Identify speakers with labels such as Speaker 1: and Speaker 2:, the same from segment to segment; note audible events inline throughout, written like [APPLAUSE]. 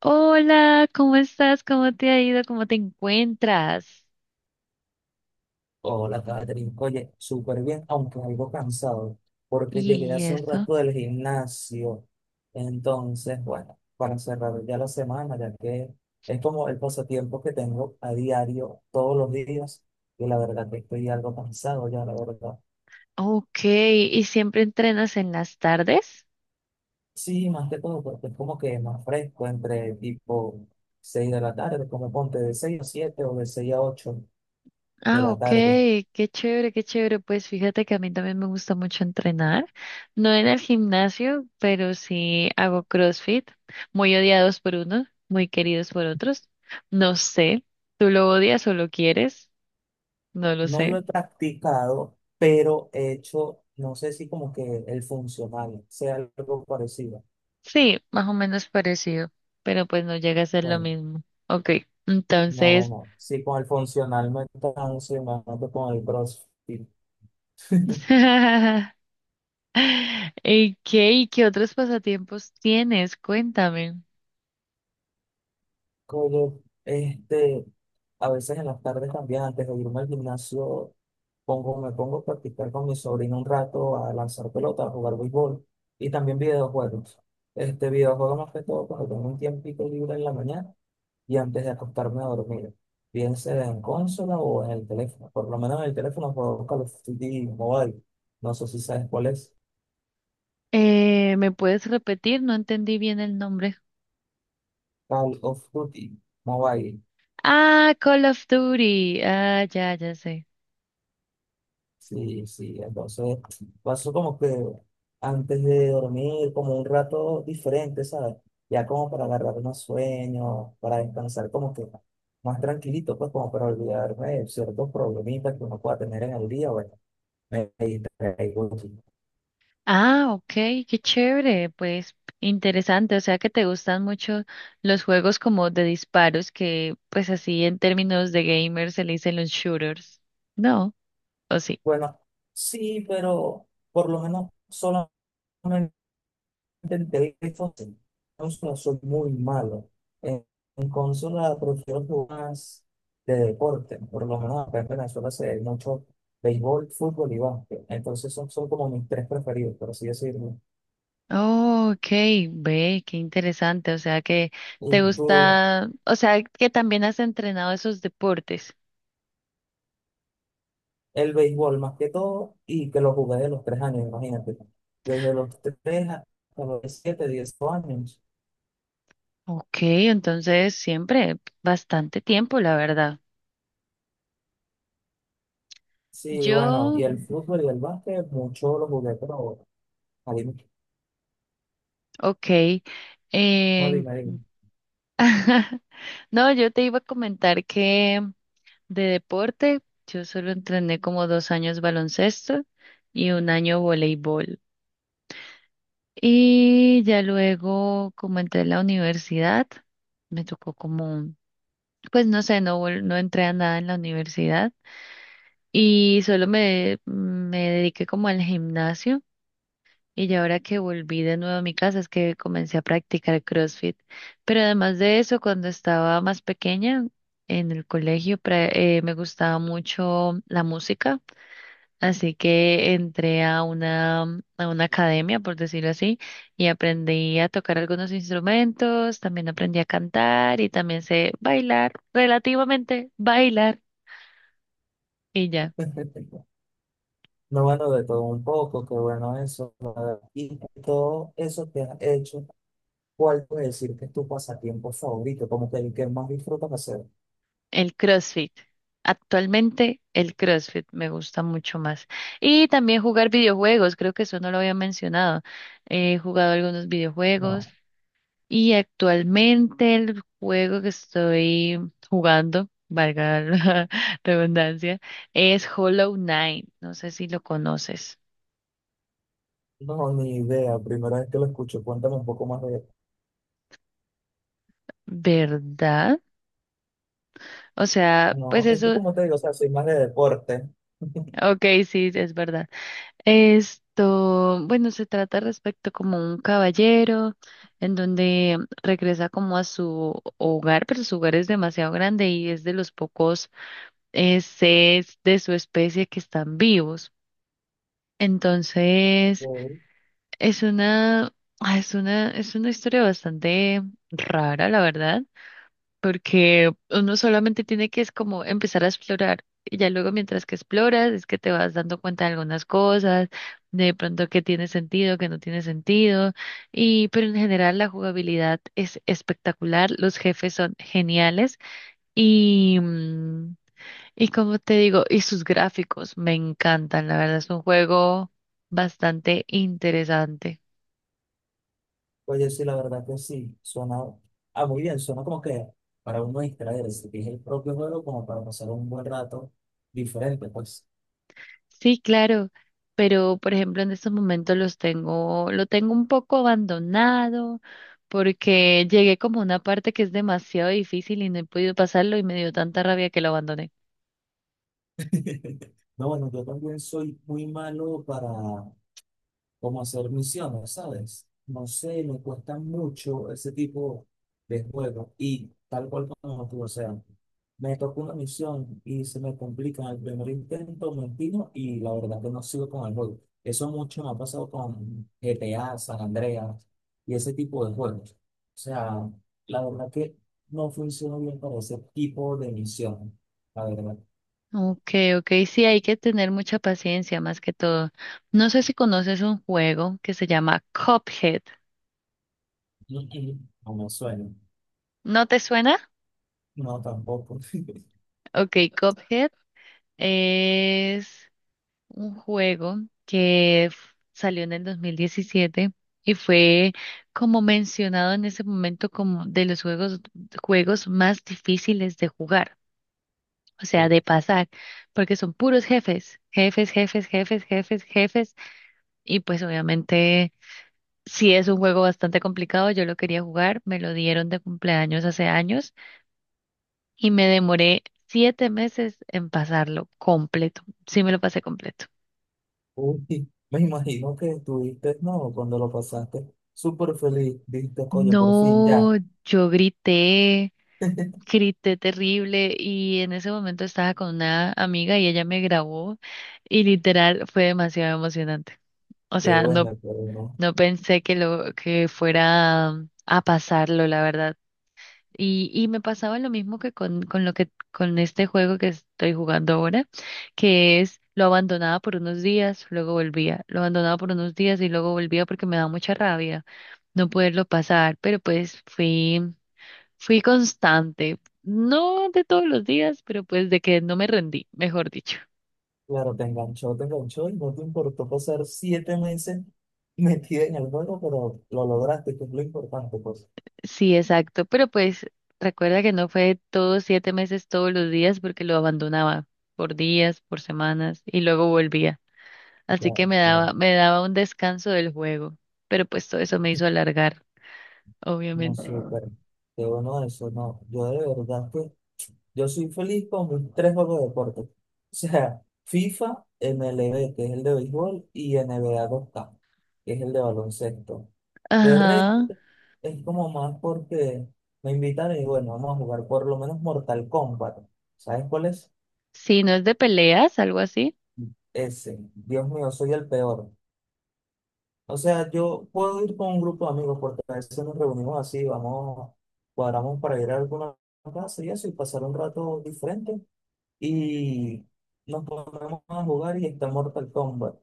Speaker 1: Hola, ¿cómo estás? ¿Cómo te ha ido? ¿Cómo te encuentras?
Speaker 2: Hola, Catherine. Oye, súper bien, aunque algo cansado, porque llegué
Speaker 1: Y
Speaker 2: hace un
Speaker 1: eso.
Speaker 2: rato del gimnasio. Entonces, bueno, para cerrar ya la semana, ya que es como el pasatiempo que tengo a diario, todos los días, y la verdad que estoy algo cansado ya, la verdad.
Speaker 1: Ok, ¿y siempre entrenas en las tardes?
Speaker 2: Sí, más que todo, porque es como que más fresco entre tipo 6 de la tarde, como ponte de 6 a 7 o de 6 a 8 de
Speaker 1: Ah,
Speaker 2: la
Speaker 1: ok,
Speaker 2: tarde.
Speaker 1: qué chévere, qué chévere. Pues fíjate que a mí también me gusta mucho entrenar. No en el gimnasio, pero sí hago CrossFit, muy odiados por unos, muy queridos por otros. No sé, ¿tú lo odias o lo quieres? No lo
Speaker 2: No lo
Speaker 1: sé.
Speaker 2: he practicado, pero he hecho, no sé si como que el funcional sea algo parecido.
Speaker 1: Sí, más o menos parecido, pero pues no llega a ser lo
Speaker 2: Bueno,
Speaker 1: mismo. Ok,
Speaker 2: no,
Speaker 1: entonces.
Speaker 2: bueno, sí, con el funcional me canso y me mato con el CrossFit. [LAUGHS]
Speaker 1: [LAUGHS] ¿Y qué otros pasatiempos tienes? Cuéntame.
Speaker 2: Como, este, a veces en las tardes también, antes de irme al gimnasio, me pongo a practicar con mi sobrino un rato, a lanzar pelota, a jugar béisbol y también videojuegos. Este videojuego más que todo cuando tengo un tiempito libre en la mañana y antes de acostarme a dormir, bien sea en consola o en el teléfono. Por lo menos en el teléfono juego Call of Duty Mobile. No sé si sabes cuál es.
Speaker 1: ¿Me puedes repetir? No entendí bien el nombre.
Speaker 2: Call of Duty Mobile.
Speaker 1: Ah, Call of Duty. Ah, ya, ya sé.
Speaker 2: Sí, sí. Entonces paso como que antes de dormir, como un rato diferente, ¿sabes? Ya como para agarrar unos sueños, para descansar como que más tranquilito, pues como para olvidarme de ciertos problemitas que uno pueda tener en el día. Bueno, me distraigo.
Speaker 1: Ah, ok, qué chévere. Pues interesante. O sea que te gustan mucho los juegos como de disparos, que pues así en términos de gamers se le dicen los shooters. ¿No? ¿O sí?
Speaker 2: Bueno, sí, pero por lo menos solamente en teléfono. En consola soy muy malo. En, en consola prefiero jugar más de deporte. Por lo menos acá en Venezuela se ve mucho béisbol, fútbol y básquet. Entonces son como mis tres preferidos, por así decirlo.
Speaker 1: Oh, ok, ve, qué interesante. O sea que
Speaker 2: Y
Speaker 1: te
Speaker 2: tú,
Speaker 1: gusta, o sea que también has entrenado esos deportes.
Speaker 2: el béisbol más que todo, y que lo jugué de los 3 años, imagínate. Desde los 3 hasta los 7, 10 años.
Speaker 1: Ok, entonces siempre bastante tiempo, la verdad.
Speaker 2: Sí, bueno, y
Speaker 1: Yo,
Speaker 2: el fútbol y el básquet, mucho lo jugué, pero ahí,
Speaker 1: ok,
Speaker 2: no
Speaker 1: en-
Speaker 2: dime, dime.
Speaker 1: [LAUGHS] no, yo te iba a comentar que de deporte yo solo entrené como 2 años baloncesto y un año voleibol. Y ya luego, como entré en la universidad, me tocó como pues no sé, no, no entré a nada en la universidad y solo me dediqué como al gimnasio y ya ahora que volví de nuevo a mi casa es que comencé a practicar CrossFit. Pero además de eso, cuando estaba más pequeña en el colegio, me gustaba mucho la música, así que entré a una academia, por decirlo así, y aprendí a tocar algunos instrumentos, también aprendí a cantar y también sé bailar, relativamente bailar. Y ya,
Speaker 2: [LAUGHS] No, bueno, de todo un poco, qué bueno eso, la verdad. Y todo eso que has hecho, ¿cuál puedes decir que es tu pasatiempo favorito? Como que el que más disfrutas hacer.
Speaker 1: el CrossFit. Actualmente el CrossFit me gusta mucho más. Y también jugar videojuegos, creo que eso no lo había mencionado. He jugado algunos videojuegos
Speaker 2: No,
Speaker 1: y actualmente el juego que estoy jugando, valga la [LAUGHS] redundancia, es Hollow Knight. No sé si lo conoces,
Speaker 2: no, ni idea. Primera vez que lo escucho, cuéntame un poco más de
Speaker 1: ¿verdad? O sea, pues
Speaker 2: no, es que
Speaker 1: eso,
Speaker 2: como te digo, o sea, soy más de deporte.
Speaker 1: ok, sí, es verdad. Esto, bueno, se trata respecto como un caballero en donde regresa como a su hogar, pero su hogar es demasiado grande y es de los pocos seres de su especie que están vivos. Entonces, es una, ah, es una historia bastante rara, la verdad, porque uno solamente tiene que es como empezar a explorar y ya luego mientras que exploras es que te vas dando cuenta de algunas cosas, de pronto que tiene sentido, que no tiene sentido, y pero en general la jugabilidad es espectacular, los jefes son geniales y mm, y como te digo, y sus gráficos me encantan, la verdad es un juego bastante interesante.
Speaker 2: Oye, sí, la verdad que sí, suena ah, muy bien, suena como que para uno distraerse, que es el propio juego, como para pasar un buen rato diferente, pues.
Speaker 1: Sí, claro, pero por ejemplo en estos momentos lo tengo un poco abandonado porque llegué como a una parte que es demasiado difícil y no he podido pasarlo y me dio tanta rabia que lo abandoné.
Speaker 2: [LAUGHS] No, bueno, yo también soy muy malo para como hacer misiones, ¿sabes? No sé, me cuesta mucho ese tipo de juegos y tal cual como tú, o sea, me tocó una misión y se me complica en el primer intento, me empino y la verdad que no sigo con el juego. Eso mucho me ha pasado con GTA, San Andreas y ese tipo de juegos. O sea, la verdad que no funciona bien para ese tipo de misión, la verdad.
Speaker 1: Okay, okay, sí, hay que tener mucha paciencia más que todo. No sé si conoces un juego que se llama Cuphead.
Speaker 2: [LAUGHS] No, no me suena.
Speaker 1: ¿No te suena?
Speaker 2: No, tampoco. [LAUGHS]
Speaker 1: Okay, Cuphead es un juego que salió en el 2017 y fue como mencionado en ese momento como de los juegos, juegos más difíciles de jugar, o sea, de pasar, porque son puros jefes, jefes, jefes, jefes, jefes, jefes, y pues obviamente si es un juego bastante complicado, yo lo quería jugar, me lo dieron de cumpleaños hace años y me demoré 7 meses en pasarlo completo, sí me lo pasé completo.
Speaker 2: Uy, [LAUGHS] me imagino que estuviste, no, cuando lo pasaste, súper feliz, dijiste, coño, por fin, ya.
Speaker 1: No, yo grité,
Speaker 2: [LAUGHS]
Speaker 1: grité terrible, y en ese momento estaba con una amiga y ella me grabó y literal fue demasiado emocionante. O
Speaker 2: Qué
Speaker 1: sea, no,
Speaker 2: bueno, pero no.
Speaker 1: no pensé que lo que fuera a pasarlo, la verdad. Y me pasaba lo mismo que con lo que con este juego que estoy jugando ahora, que es lo abandonaba por unos días, luego volvía, lo abandonaba por unos días y luego volvía porque me da mucha rabia no poderlo pasar, pero pues fui constante, no de todos los días, pero pues de que no me rendí, mejor dicho.
Speaker 2: Claro, te enganchó y no te importó pasar 7 meses [LAUGHS] metida en el juego, pero lo lograste, que es lo importante, pues.
Speaker 1: Sí, exacto, pero pues recuerda que no fue todos 7 meses todos los días porque lo abandonaba por días, por semanas y luego volvía. Así que
Speaker 2: Claro, no,
Speaker 1: me daba un descanso del juego, pero pues todo eso me hizo alargar,
Speaker 2: no,
Speaker 1: obviamente.
Speaker 2: súper. Qué bueno eso, no. Yo de verdad que Yo soy feliz con mis tres juegos de deporte. O sea, FIFA, MLB, que es el de béisbol, y NBA 2K, que es el de baloncesto. De
Speaker 1: Ajá,
Speaker 2: resto, es como más porque me invitan y bueno, vamos a jugar por lo menos Mortal Kombat. ¿Sabes cuál es?
Speaker 1: sí, no es de peleas, algo así.
Speaker 2: Ese. Dios mío, soy el peor. O sea, yo puedo ir con un grupo de amigos porque a veces nos reunimos así, vamos, cuadramos para ir a alguna casa y eso y pasar un rato diferente, y nos ponemos a jugar y está Mortal Kombat.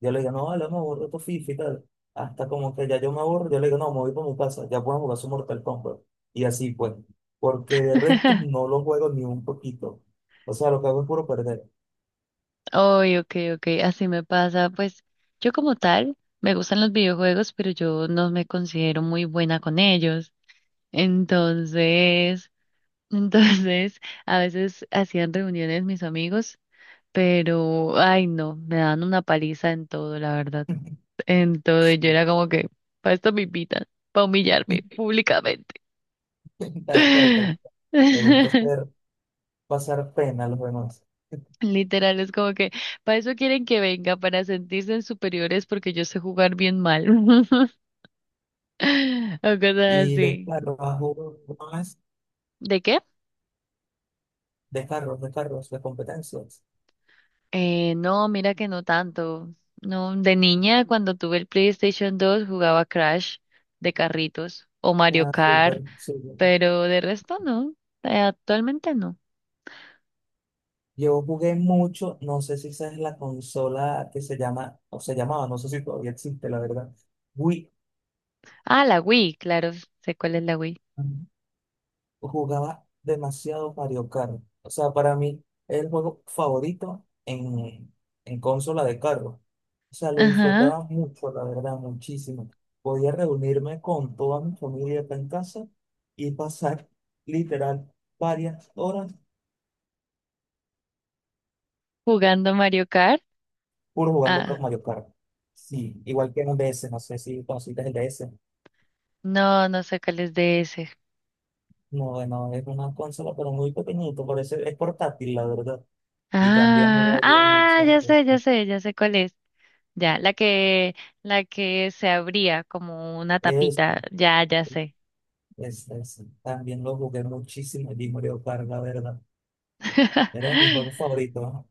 Speaker 2: Yo le digo, no, vale, me aburro tu FIFA y tal. Hasta como que ya yo me aburro, yo le digo, no, me voy para mi casa, ya puedo jugar su Mortal Kombat. Y así pues, porque de resto
Speaker 1: [LAUGHS]
Speaker 2: no lo juego ni un poquito. O sea, lo que hago es puro perder.
Speaker 1: Oy, ok, ok, así me pasa. Pues yo como tal me gustan los videojuegos, pero yo no me considero muy buena con ellos. Entonces, [LAUGHS] entonces a veces hacían reuniones mis amigos, pero ay no, me dan una paliza en todo, la verdad.
Speaker 2: [LAUGHS]
Speaker 1: En todo, y yo
Speaker 2: Sí.
Speaker 1: era como que para esto me invitan, para humillarme públicamente.
Speaker 2: Tal cual, tal cual. Me gusta
Speaker 1: [LAUGHS]
Speaker 2: hacer pasar pena a los demás.
Speaker 1: Literal, es como que para eso quieren que venga, para sentirse en superiores porque yo sé jugar bien mal. [LAUGHS] O cosas
Speaker 2: Y
Speaker 1: así.
Speaker 2: de carros, a jugar más
Speaker 1: ¿De qué?
Speaker 2: de carros, de competencias.
Speaker 1: No, mira que no tanto. No, de niña, cuando tuve el PlayStation 2, jugaba Crash de carritos o Mario
Speaker 2: Ah, súper,
Speaker 1: Kart,
Speaker 2: sí.
Speaker 1: pero de resto no. Actualmente no.
Speaker 2: Yo jugué mucho, no sé si esa es la consola que se llama, o se llamaba, no sé si todavía existe, la verdad. Wii,
Speaker 1: Ah, la Wii, claro, sé cuál es la Wii.
Speaker 2: jugaba demasiado Mario Kart. O sea, para mí es el juego favorito en consola de carro. O sea, lo
Speaker 1: Ajá,
Speaker 2: disfrutaba mucho, la verdad, muchísimo. Podía reunirme con toda mi familia acá en casa y pasar [LAUGHS] literal varias horas
Speaker 1: jugando Mario Kart.
Speaker 2: puro jugando con
Speaker 1: Ah,
Speaker 2: Mario Kart. Sí, igual que en DS, no sé si conociste el DS.
Speaker 1: no, no sé cuál es de ese.
Speaker 2: No, no, es una consola, pero muy pequeñito, parece, es portátil, la verdad. Y también
Speaker 1: Ah,
Speaker 2: juega bien
Speaker 1: ah, ya
Speaker 2: mucho.
Speaker 1: sé, ya sé, ya sé cuál es. Ya, la que se abría como una
Speaker 2: Es,
Speaker 1: tapita. Ya, ya sé.
Speaker 2: también lo jugué muchísimo y Mario Kart, la verdad. Era de mis
Speaker 1: [LAUGHS]
Speaker 2: juegos favoritos, ¿no?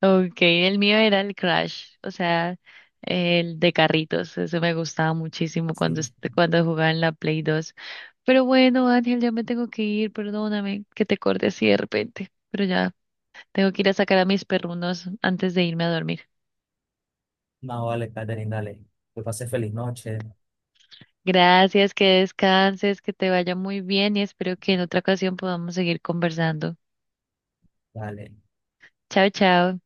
Speaker 1: Okay, el mío era el Crash, o sea, el de carritos. Eso me gustaba muchísimo cuando,
Speaker 2: Sí.
Speaker 1: cuando jugaba en la Play 2. Pero bueno, Ángel, ya me tengo que ir, perdóname que te corte así de repente. Pero ya, tengo que ir a sacar a mis perrunos antes de irme a dormir.
Speaker 2: No, vale, Catherine, dale. Que pase feliz noche.
Speaker 1: Gracias, que descanses, que te vaya muy bien y espero que en otra ocasión podamos seguir conversando.
Speaker 2: Dale.
Speaker 1: Chao, chao.